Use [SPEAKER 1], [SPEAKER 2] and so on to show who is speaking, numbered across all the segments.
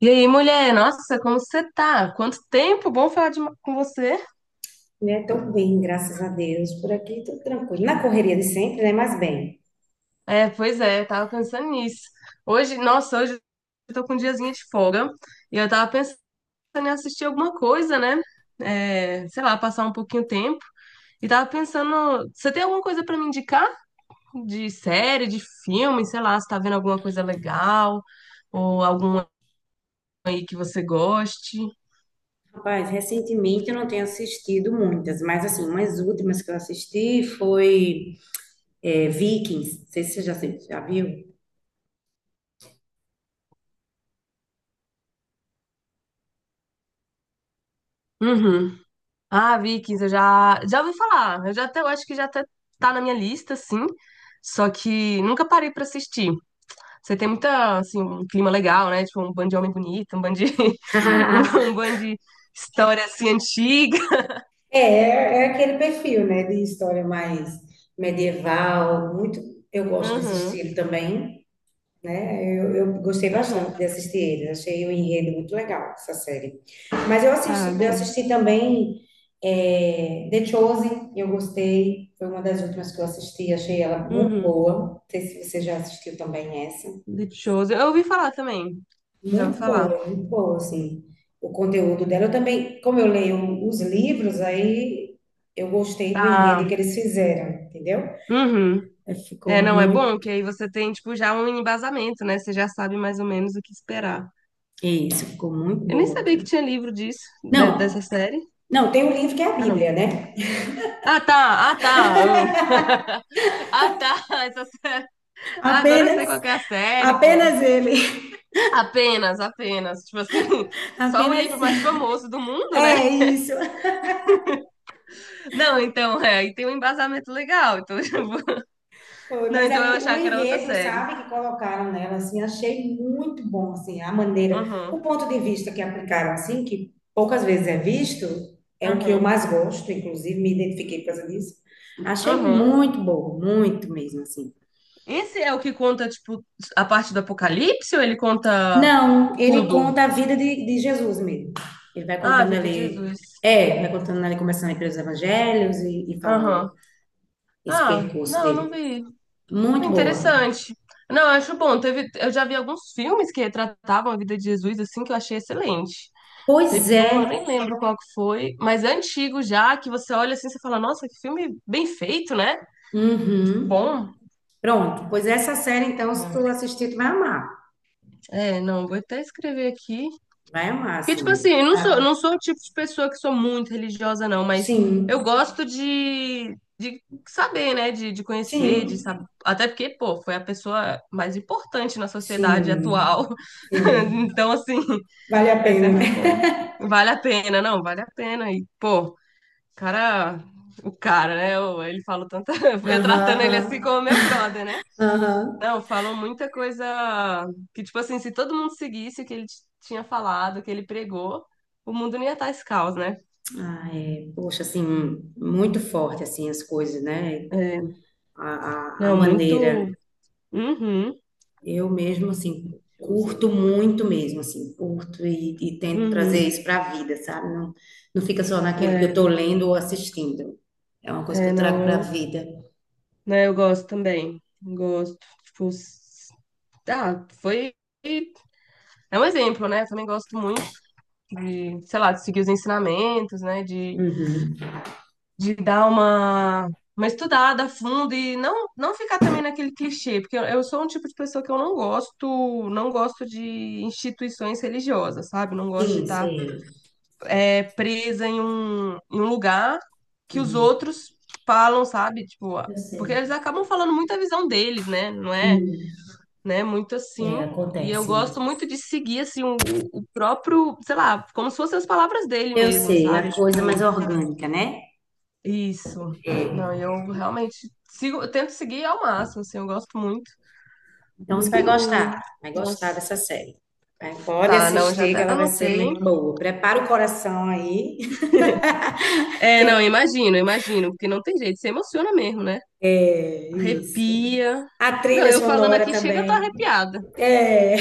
[SPEAKER 1] E aí, mulher, nossa, como você tá? Quanto tempo? Bom falar com você.
[SPEAKER 2] Né? Tô bem, graças a Deus. Por aqui tudo tranquilo. Na correria de sempre, né? Mas bem.
[SPEAKER 1] É, pois é, eu tava pensando nisso. Hoje, nossa, hoje eu tô com um diazinho de folga e eu tava pensando em assistir alguma coisa, né? É, sei lá, passar um pouquinho o tempo. E tava pensando, você tem alguma coisa pra me indicar? De série, de filme, sei lá, você tá vendo alguma coisa legal ou alguma aí que você goste?
[SPEAKER 2] Rapaz, recentemente eu não tenho assistido muitas, mas assim, umas últimas que eu assisti foi Vikings. Não sei se você já, já viu.
[SPEAKER 1] Uhum. Ah, Vikings, eu já ouvi falar. Eu acho que já até tá na minha lista, sim. Só que nunca parei pra assistir. Você tem muita, assim, um clima legal, né? Tipo, um bando de homem bonito, um bando de história, assim, antiga.
[SPEAKER 2] É, é aquele perfil, né? De história mais medieval. Muito, eu gosto desse
[SPEAKER 1] Aham,
[SPEAKER 2] estilo também, né? Eu gostei
[SPEAKER 1] aham.
[SPEAKER 2] bastante de assistir ele, achei o enredo muito legal, essa série. Mas eu
[SPEAKER 1] Ah,
[SPEAKER 2] assisto, eu
[SPEAKER 1] bem.
[SPEAKER 2] assisti também The Chosen, eu gostei, foi uma das últimas que eu assisti, achei ela muito
[SPEAKER 1] Uhum.
[SPEAKER 2] boa. Não sei se você já assistiu também essa.
[SPEAKER 1] Deep. Eu ouvi falar também. Já ouvi falar.
[SPEAKER 2] Muito boa, assim, o conteúdo dela. Eu também, como eu leio os livros, aí eu gostei do enredo
[SPEAKER 1] Ah,
[SPEAKER 2] que eles fizeram, entendeu?
[SPEAKER 1] uhum.
[SPEAKER 2] Aí ficou
[SPEAKER 1] É, não, é bom
[SPEAKER 2] muito,
[SPEAKER 1] que aí você tem, tipo, já um embasamento, né? Você já sabe mais ou menos o que esperar.
[SPEAKER 2] isso, ficou muito
[SPEAKER 1] Eu nem
[SPEAKER 2] boa,
[SPEAKER 1] sabia que
[SPEAKER 2] cara.
[SPEAKER 1] tinha livro disso, dessa
[SPEAKER 2] Não,
[SPEAKER 1] série.
[SPEAKER 2] não, tem um livro que é a
[SPEAKER 1] Ah,
[SPEAKER 2] Bíblia,
[SPEAKER 1] não.
[SPEAKER 2] né?
[SPEAKER 1] Ah, tá, ah, tá. Ah, ah, tá. Essa série. Ah, agora eu sei
[SPEAKER 2] Apenas,
[SPEAKER 1] qual que é a série, pô.
[SPEAKER 2] apenas ele,
[SPEAKER 1] Apenas, apenas. Tipo assim, só o
[SPEAKER 2] apenas.
[SPEAKER 1] livro mais famoso do mundo, né?
[SPEAKER 2] É isso.
[SPEAKER 1] Não, então, é, e tem um embasamento legal. Então, eu vou.
[SPEAKER 2] Foi,
[SPEAKER 1] Não,
[SPEAKER 2] mas
[SPEAKER 1] então eu
[SPEAKER 2] aí o
[SPEAKER 1] achava que era outra
[SPEAKER 2] enredo,
[SPEAKER 1] série.
[SPEAKER 2] sabe, que colocaram nela, assim, achei muito bom, assim, a maneira,
[SPEAKER 1] Uhum,
[SPEAKER 2] o ponto de vista que aplicaram, assim, que poucas vezes é visto, é o que eu
[SPEAKER 1] uhum,
[SPEAKER 2] mais gosto, inclusive me identifiquei por causa disso. Achei
[SPEAKER 1] uhum.
[SPEAKER 2] muito bom, muito mesmo, assim.
[SPEAKER 1] Esse é o que conta, tipo, a parte do Apocalipse ou ele conta
[SPEAKER 2] Não, ele
[SPEAKER 1] tudo?
[SPEAKER 2] conta a vida de Jesus mesmo. Ele vai
[SPEAKER 1] Ah, a
[SPEAKER 2] contando
[SPEAKER 1] vida de
[SPEAKER 2] ali,
[SPEAKER 1] Jesus.
[SPEAKER 2] é, vai contando ali, começando ali pelos evangelhos e
[SPEAKER 1] Aham.
[SPEAKER 2] falando esse
[SPEAKER 1] Ah,
[SPEAKER 2] percurso
[SPEAKER 1] não, não
[SPEAKER 2] dele.
[SPEAKER 1] vi.
[SPEAKER 2] Muito boa.
[SPEAKER 1] Interessante. Não, eu acho bom. Teve, eu já vi alguns filmes que retratavam a vida de Jesus, assim, que eu achei excelente.
[SPEAKER 2] Pois
[SPEAKER 1] Teve um, eu
[SPEAKER 2] é.
[SPEAKER 1] nem lembro qual que foi, mas é antigo já, que você olha assim e fala, nossa, que filme bem feito, né? Tipo,
[SPEAKER 2] Uhum.
[SPEAKER 1] bom.
[SPEAKER 2] Pronto. Pois essa série, então, se tu
[SPEAKER 1] É,
[SPEAKER 2] assistir, tu vai amar.
[SPEAKER 1] É, não, vou até escrever aqui.
[SPEAKER 2] Vai amar,
[SPEAKER 1] Porque, tipo
[SPEAKER 2] assim.
[SPEAKER 1] assim, eu não sou,
[SPEAKER 2] Ah,
[SPEAKER 1] não sou o tipo de pessoa que sou muito religiosa, não, mas eu
[SPEAKER 2] sim,
[SPEAKER 1] gosto de saber, né? De conhecer, de
[SPEAKER 2] sim,
[SPEAKER 1] saber. Até porque, pô, foi a pessoa mais importante na sociedade
[SPEAKER 2] sim,
[SPEAKER 1] atual.
[SPEAKER 2] sim.
[SPEAKER 1] Então, assim.
[SPEAKER 2] Vale a
[SPEAKER 1] É
[SPEAKER 2] pena, né?
[SPEAKER 1] sempre bom. Vale a pena, não, vale a pena. E, pô, cara, o cara, né? Ele falou tanta. Eu
[SPEAKER 2] Aham,
[SPEAKER 1] tratando ele assim
[SPEAKER 2] aham,
[SPEAKER 1] como meu brother, né?
[SPEAKER 2] aham.
[SPEAKER 1] Não, falou muita coisa que, tipo assim, se todo mundo seguisse o que ele tinha falado, o que ele pregou, o mundo não ia estar esse caos, né?
[SPEAKER 2] Ah, é, poxa, assim, muito forte, assim, as coisas, né?
[SPEAKER 1] É,
[SPEAKER 2] A
[SPEAKER 1] não,
[SPEAKER 2] maneira.
[SPEAKER 1] muito. Uhum.
[SPEAKER 2] Eu mesmo, assim, curto
[SPEAKER 1] Showzinho.
[SPEAKER 2] muito mesmo, assim, curto e tento trazer
[SPEAKER 1] Uhum.
[SPEAKER 2] isso para a vida, sabe? Não, não fica só naquilo que eu
[SPEAKER 1] É,
[SPEAKER 2] tô lendo ou assistindo. É uma coisa que
[SPEAKER 1] é,
[SPEAKER 2] eu trago
[SPEAKER 1] não,
[SPEAKER 2] para a
[SPEAKER 1] eu,
[SPEAKER 2] vida.
[SPEAKER 1] né, eu gosto também. Gosto. Tipo, ah, foi. É um exemplo, né? Eu também gosto muito. De, sei lá, de seguir os ensinamentos, né? De dar uma estudada a fundo e não, não ficar também naquele clichê, porque eu sou um tipo de pessoa que eu não gosto, não gosto de instituições religiosas, sabe? Não gosto de
[SPEAKER 2] Sim,
[SPEAKER 1] estar
[SPEAKER 2] sei.
[SPEAKER 1] presa em um lugar que os
[SPEAKER 2] Uhum.
[SPEAKER 1] outros falam, sabe? Tipo,
[SPEAKER 2] Eu
[SPEAKER 1] porque eles
[SPEAKER 2] sei.
[SPEAKER 1] acabam falando muito a visão deles, né? Não é,
[SPEAKER 2] Hum.
[SPEAKER 1] né? Muito assim.
[SPEAKER 2] É,
[SPEAKER 1] E eu
[SPEAKER 2] acontece
[SPEAKER 1] gosto
[SPEAKER 2] mesmo.
[SPEAKER 1] muito de seguir assim o próprio, sei lá, como se fossem as palavras dele
[SPEAKER 2] Eu
[SPEAKER 1] mesmo,
[SPEAKER 2] sei, é
[SPEAKER 1] sabe?
[SPEAKER 2] a coisa
[SPEAKER 1] Tipo,
[SPEAKER 2] mais orgânica, né?
[SPEAKER 1] isso. Não,
[SPEAKER 2] É.
[SPEAKER 1] eu realmente sigo, eu tento seguir ao máximo, assim, eu gosto muito,
[SPEAKER 2] Então você
[SPEAKER 1] muito.
[SPEAKER 2] vai gostar
[SPEAKER 1] Nossa.
[SPEAKER 2] dessa série. Vai- Pode
[SPEAKER 1] Tá, não, já
[SPEAKER 2] assistir, que
[SPEAKER 1] até
[SPEAKER 2] ela vai ser
[SPEAKER 1] anotei.
[SPEAKER 2] muito boa. Prepara o coração aí.
[SPEAKER 1] É,
[SPEAKER 2] que
[SPEAKER 1] não,
[SPEAKER 2] é
[SPEAKER 1] imagino, imagino, porque não tem jeito, você emociona mesmo, né?
[SPEAKER 2] é isso.
[SPEAKER 1] Arrepia.
[SPEAKER 2] A
[SPEAKER 1] Não,
[SPEAKER 2] trilha
[SPEAKER 1] eu falando
[SPEAKER 2] sonora
[SPEAKER 1] aqui, chega, eu tô
[SPEAKER 2] também.
[SPEAKER 1] arrepiada.
[SPEAKER 2] É,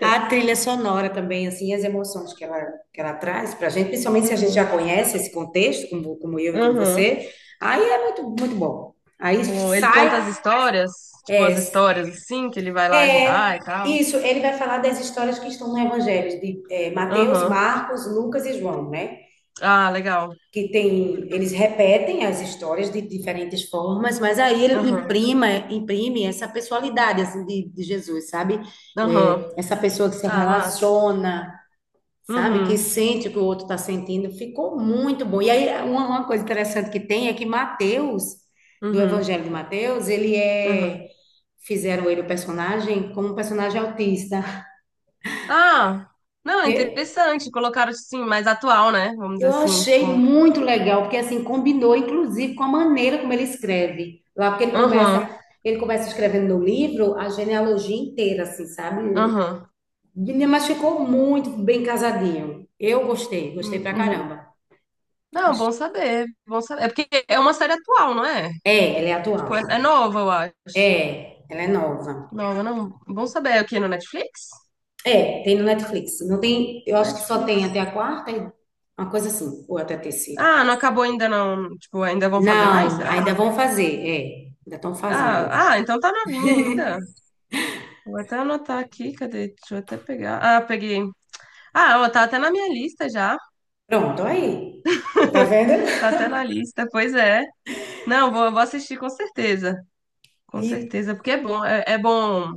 [SPEAKER 2] a trilha sonora também, assim, as emoções que ela traz pra gente, principalmente se a gente
[SPEAKER 1] Uhum.
[SPEAKER 2] já conhece esse contexto, como, como eu e como
[SPEAKER 1] Uhum.
[SPEAKER 2] você, aí é muito, muito bom. Aí
[SPEAKER 1] Bom, ele conta as
[SPEAKER 2] sai,
[SPEAKER 1] histórias, tipo
[SPEAKER 2] é,
[SPEAKER 1] as histórias assim, que ele vai lá ajudar
[SPEAKER 2] é,
[SPEAKER 1] e tal.
[SPEAKER 2] isso, ele vai falar das histórias que estão no Evangelho, de Mateus,
[SPEAKER 1] Aham.
[SPEAKER 2] Marcos, Lucas e João, né?
[SPEAKER 1] Ah, legal.
[SPEAKER 2] Que tem, eles repetem as histórias de diferentes formas, mas aí ele
[SPEAKER 1] Aham.
[SPEAKER 2] imprima, imprime essa pessoalidade, assim, de Jesus, sabe? É,
[SPEAKER 1] Aham.
[SPEAKER 2] essa pessoa que se
[SPEAKER 1] Ah, massa.
[SPEAKER 2] relaciona, sabe? Que
[SPEAKER 1] Uhum.
[SPEAKER 2] sente o que o outro está sentindo. Ficou muito bom. E aí, uma coisa interessante que tem é que Mateus, do
[SPEAKER 1] Uhum.
[SPEAKER 2] Evangelho de Mateus, ele é.
[SPEAKER 1] Uhum.
[SPEAKER 2] Fizeram ele o personagem como um personagem autista.
[SPEAKER 1] Ah, não, é
[SPEAKER 2] E
[SPEAKER 1] interessante. Colocaram assim, mais atual, né? Vamos dizer
[SPEAKER 2] Eu
[SPEAKER 1] assim,
[SPEAKER 2] achei
[SPEAKER 1] tipo.
[SPEAKER 2] muito legal, porque assim combinou, inclusive, com a maneira como ele escreve. Lá, porque ele
[SPEAKER 1] Aham,
[SPEAKER 2] começa. Ele começa escrevendo no livro a genealogia inteira, assim, sabe?
[SPEAKER 1] aham.
[SPEAKER 2] Mas ficou muito bem casadinho. Eu gostei, gostei
[SPEAKER 1] Hum,
[SPEAKER 2] pra
[SPEAKER 1] uhum.
[SPEAKER 2] caramba.
[SPEAKER 1] Não, bom saber, bom saber. É porque é uma série atual, não é?
[SPEAKER 2] É, ele é atual.
[SPEAKER 1] Tipo, é nova, eu acho.
[SPEAKER 2] É, ela é nova.
[SPEAKER 1] Nova, não. Bom saber. É o quê? No Netflix?
[SPEAKER 2] É, tem no Netflix. Não tem, eu acho que só
[SPEAKER 1] Netflix.
[SPEAKER 2] tem até a quarta, uma coisa assim, ou até a terceira.
[SPEAKER 1] Ah, não acabou ainda, não. Tipo, ainda vão fazer mais,
[SPEAKER 2] Não,
[SPEAKER 1] será?
[SPEAKER 2] ainda vão fazer, é, ainda estão
[SPEAKER 1] Ah,
[SPEAKER 2] fazendo.
[SPEAKER 1] ah, então tá novinha ainda. Vou até anotar aqui, cadê? Deixa eu até pegar. Ah, peguei. Ah, ó, tá até na minha lista já.
[SPEAKER 2] Pronto, aí. Tá vendo?
[SPEAKER 1] Tá até na lista, pois é. Não, vou assistir com certeza. Com
[SPEAKER 2] E
[SPEAKER 1] certeza, porque é bom, é bom,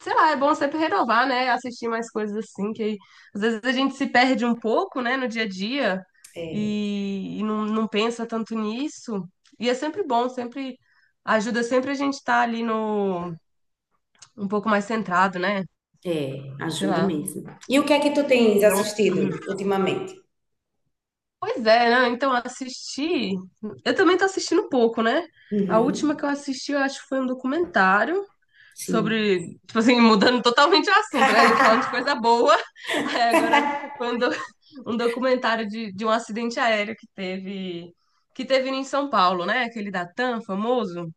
[SPEAKER 1] sei lá, é bom sempre renovar, né? Assistir mais coisas assim, que aí, às vezes a gente se perde um pouco, né, no dia a dia
[SPEAKER 2] É,
[SPEAKER 1] e não, não pensa tanto nisso. E é sempre bom, sempre ajuda sempre a gente estar ali no um pouco mais centrado, né?
[SPEAKER 2] é,
[SPEAKER 1] Sei
[SPEAKER 2] ajuda
[SPEAKER 1] lá.
[SPEAKER 2] mesmo. E o que é que tu tens
[SPEAKER 1] Não,
[SPEAKER 2] assistido
[SPEAKER 1] uhum.
[SPEAKER 2] ultimamente?
[SPEAKER 1] Pois é, né? Então assistir. Eu também tô assistindo pouco, né? A última que
[SPEAKER 2] Uhum.
[SPEAKER 1] eu assisti, eu acho que foi um documentário
[SPEAKER 2] Sim.
[SPEAKER 1] sobre, tipo assim, mudando totalmente o assunto, né? A gente falando de coisa boa. Aí agora foi um, um documentário de um acidente aéreo que teve em São Paulo, né? Aquele da TAM famoso,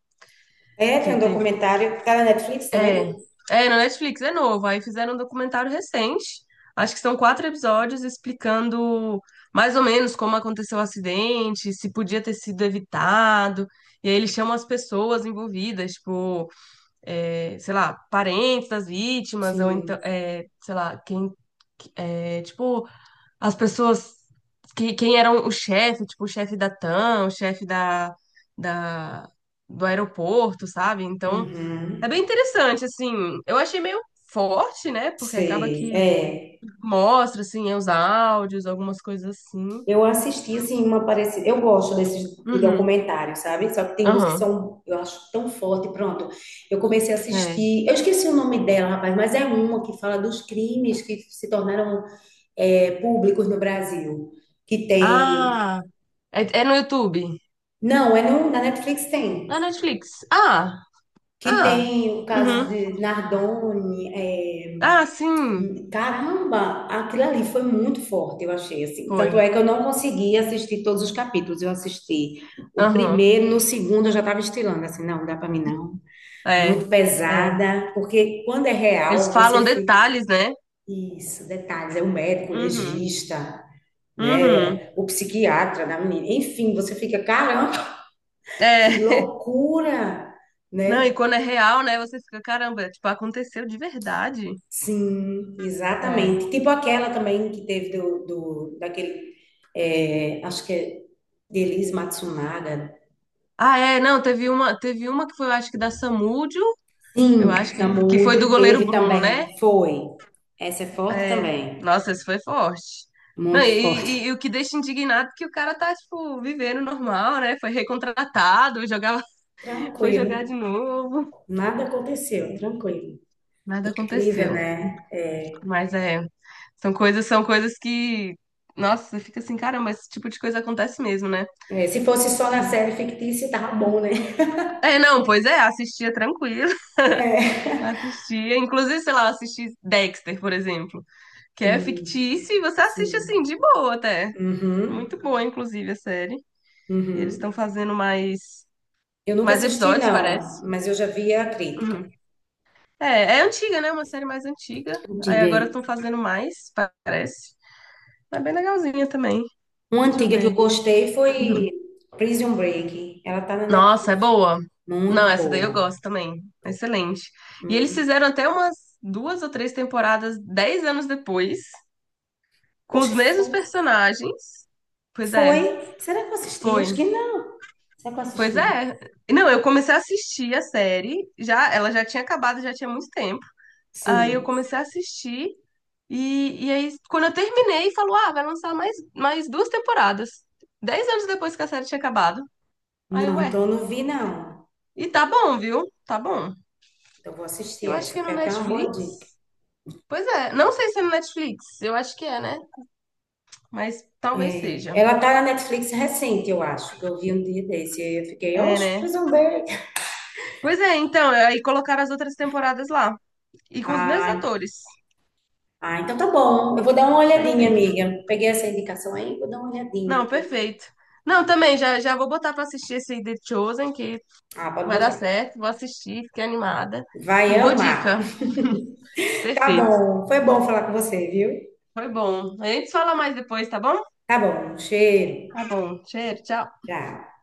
[SPEAKER 2] É,
[SPEAKER 1] que
[SPEAKER 2] tem um
[SPEAKER 1] teve.
[SPEAKER 2] documentário. Tá na Netflix
[SPEAKER 1] É,
[SPEAKER 2] também?
[SPEAKER 1] na Netflix, é novo. Aí fizeram um documentário recente. Acho que são quatro episódios explicando mais ou menos como aconteceu o acidente, se podia ter sido evitado. E aí eles chamam as pessoas envolvidas, tipo sei lá, parentes das vítimas, ou então,
[SPEAKER 2] Sim.
[SPEAKER 1] sei lá, quem, tipo, as pessoas, que, quem eram o chefe, tipo, o chefe da TAM, o chefe da, do aeroporto, sabe? Então, é bem
[SPEAKER 2] Uhum.
[SPEAKER 1] interessante, assim, eu achei meio forte, né? Porque acaba
[SPEAKER 2] Sei.
[SPEAKER 1] que
[SPEAKER 2] É.
[SPEAKER 1] mostra, assim, os áudios, algumas coisas assim.
[SPEAKER 2] Eu assisti, assim, uma parecida. Eu gosto desses de
[SPEAKER 1] Uhum,
[SPEAKER 2] documentários, sabe? Só que tem uns que
[SPEAKER 1] aham,
[SPEAKER 2] são, eu acho, tão forte. Pronto, eu comecei a
[SPEAKER 1] é.
[SPEAKER 2] assistir. Eu esqueci o nome dela, rapaz, mas é uma que fala dos crimes que se tornaram públicos no Brasil. Que tem.
[SPEAKER 1] Ah, é, é no YouTube?
[SPEAKER 2] Não, é no, na Netflix
[SPEAKER 1] Na
[SPEAKER 2] tem.
[SPEAKER 1] Netflix. Ah,
[SPEAKER 2] Que
[SPEAKER 1] ah,
[SPEAKER 2] tem o caso
[SPEAKER 1] uhum.
[SPEAKER 2] de Nardoni, é,
[SPEAKER 1] Ah, sim,
[SPEAKER 2] caramba, aquilo ali foi muito forte, eu achei assim. Tanto
[SPEAKER 1] foi.
[SPEAKER 2] é que eu não consegui assistir todos os capítulos. Eu assisti o
[SPEAKER 1] Aham.
[SPEAKER 2] primeiro, no segundo eu já estava estilando assim, não, não dá para mim não. Muito
[SPEAKER 1] É, é.
[SPEAKER 2] pesada, porque quando é
[SPEAKER 1] Eles
[SPEAKER 2] real você
[SPEAKER 1] falam
[SPEAKER 2] fica.
[SPEAKER 1] detalhes, né?
[SPEAKER 2] Isso, detalhes, é o médico, o
[SPEAKER 1] Uhum.
[SPEAKER 2] legista,
[SPEAKER 1] Uhum.
[SPEAKER 2] né? O psiquiatra da menina. Enfim, você fica, caramba, que
[SPEAKER 1] É.
[SPEAKER 2] loucura,
[SPEAKER 1] Não, e
[SPEAKER 2] né?
[SPEAKER 1] quando é real, né? Você fica, caramba, tipo, aconteceu de verdade.
[SPEAKER 2] Sim,
[SPEAKER 1] É.
[SPEAKER 2] exatamente. Tipo aquela também que teve do daquele, acho que é de Elis Matsunaga.
[SPEAKER 1] Ah, é, não, teve uma que foi, eu acho que da Samúdio, eu
[SPEAKER 2] Sim,
[SPEAKER 1] acho que foi do
[SPEAKER 2] Samúdio
[SPEAKER 1] goleiro
[SPEAKER 2] teve
[SPEAKER 1] Bruno, né?
[SPEAKER 2] também, foi. Essa é forte
[SPEAKER 1] É.
[SPEAKER 2] também,
[SPEAKER 1] Nossa, isso foi forte. Não,
[SPEAKER 2] muito forte.
[SPEAKER 1] e o que deixa indignado é que o cara tá, tipo, vivendo normal, né? Foi recontratado, jogava, foi
[SPEAKER 2] Tranquilo.
[SPEAKER 1] jogar de novo.
[SPEAKER 2] Nada aconteceu, tranquilo.
[SPEAKER 1] Nada
[SPEAKER 2] Incrível,
[SPEAKER 1] aconteceu.
[SPEAKER 2] né?
[SPEAKER 1] Mas é, são coisas que, nossa, você fica assim, caramba, esse tipo de coisa acontece mesmo, né?
[SPEAKER 2] É, se fosse só na série fictícia, tava bom, né?
[SPEAKER 1] É, não, pois é, assistia tranquilo,
[SPEAKER 2] É.
[SPEAKER 1] assistia, inclusive, sei lá, eu assisti Dexter, por exemplo, que é
[SPEAKER 2] Hum,
[SPEAKER 1] fictício e você assiste assim,
[SPEAKER 2] sim.
[SPEAKER 1] de boa até.
[SPEAKER 2] Uhum,
[SPEAKER 1] Muito boa, inclusive, a série. E eles
[SPEAKER 2] uhum.
[SPEAKER 1] estão fazendo mais,
[SPEAKER 2] Eu nunca
[SPEAKER 1] mais
[SPEAKER 2] assisti,
[SPEAKER 1] episódios, parece.
[SPEAKER 2] não, mas eu já vi a crítica.
[SPEAKER 1] Uhum. É, é antiga, né? Uma série mais antiga. Aí
[SPEAKER 2] Diga
[SPEAKER 1] agora
[SPEAKER 2] aí.
[SPEAKER 1] estão fazendo mais, parece. É bem legalzinha também.
[SPEAKER 2] Uma
[SPEAKER 1] Deixa eu
[SPEAKER 2] antiga que eu
[SPEAKER 1] ver.
[SPEAKER 2] gostei foi Prison Break. Ela tá na
[SPEAKER 1] Nossa, é
[SPEAKER 2] Netflix.
[SPEAKER 1] boa. Não,
[SPEAKER 2] Muito
[SPEAKER 1] essa daí eu
[SPEAKER 2] boa.
[SPEAKER 1] gosto também. Excelente. E eles
[SPEAKER 2] Hum.
[SPEAKER 1] fizeram até umas duas ou três temporadas 10 anos depois, com os
[SPEAKER 2] Oxe,
[SPEAKER 1] mesmos
[SPEAKER 2] foi.
[SPEAKER 1] personagens. Pois
[SPEAKER 2] Foi?
[SPEAKER 1] é,
[SPEAKER 2] Será que eu assisti? Acho
[SPEAKER 1] foi.
[SPEAKER 2] que não. Será que eu
[SPEAKER 1] Pois
[SPEAKER 2] assisti?
[SPEAKER 1] é. Não, eu comecei a assistir a série, já, ela já tinha acabado, já tinha muito tempo. Aí eu
[SPEAKER 2] Sim.
[SPEAKER 1] comecei a assistir, e aí, quando eu terminei, falou: ah, vai lançar mais duas temporadas. Dez anos depois que a série tinha acabado. Aí,
[SPEAKER 2] Não, então
[SPEAKER 1] ué.
[SPEAKER 2] eu não vi, não.
[SPEAKER 1] E tá bom, viu? Tá bom.
[SPEAKER 2] Então eu vou assistir
[SPEAKER 1] Eu acho que
[SPEAKER 2] essa.
[SPEAKER 1] é no
[SPEAKER 2] Foi até uma boa
[SPEAKER 1] Netflix.
[SPEAKER 2] dica.
[SPEAKER 1] Pois é, não sei se é no Netflix, eu acho que é, né? Mas talvez
[SPEAKER 2] É,
[SPEAKER 1] seja.
[SPEAKER 2] ela tá na Netflix recente, eu acho, que eu vi um dia desse. E eu fiquei,
[SPEAKER 1] É,
[SPEAKER 2] oxe,
[SPEAKER 1] né?
[SPEAKER 2] Prison Break.
[SPEAKER 1] Pois é, então, aí colocaram as outras temporadas lá. E com os mesmos
[SPEAKER 2] Ah,
[SPEAKER 1] atores.
[SPEAKER 2] ah, então tá bom. Eu vou dar uma olhadinha,
[SPEAKER 1] Perfeito.
[SPEAKER 2] amiga. Peguei essa indicação aí, vou dar uma olhadinha
[SPEAKER 1] Não,
[SPEAKER 2] aqui.
[SPEAKER 1] perfeito. Não, também, já, já vou botar pra assistir esse aí The Chosen, que
[SPEAKER 2] Ah, pode
[SPEAKER 1] vai dar
[SPEAKER 2] botar.
[SPEAKER 1] certo. Vou assistir, fiquei animada.
[SPEAKER 2] Vai
[SPEAKER 1] E boa
[SPEAKER 2] amar.
[SPEAKER 1] dica.
[SPEAKER 2] Tá
[SPEAKER 1] Perfeito.
[SPEAKER 2] bom, foi bom falar com você, viu?
[SPEAKER 1] Foi bom. A gente fala mais depois, tá bom?
[SPEAKER 2] Tá bom, um cheiro.
[SPEAKER 1] Tá bom. Cheiro, tchau.
[SPEAKER 2] Tchau.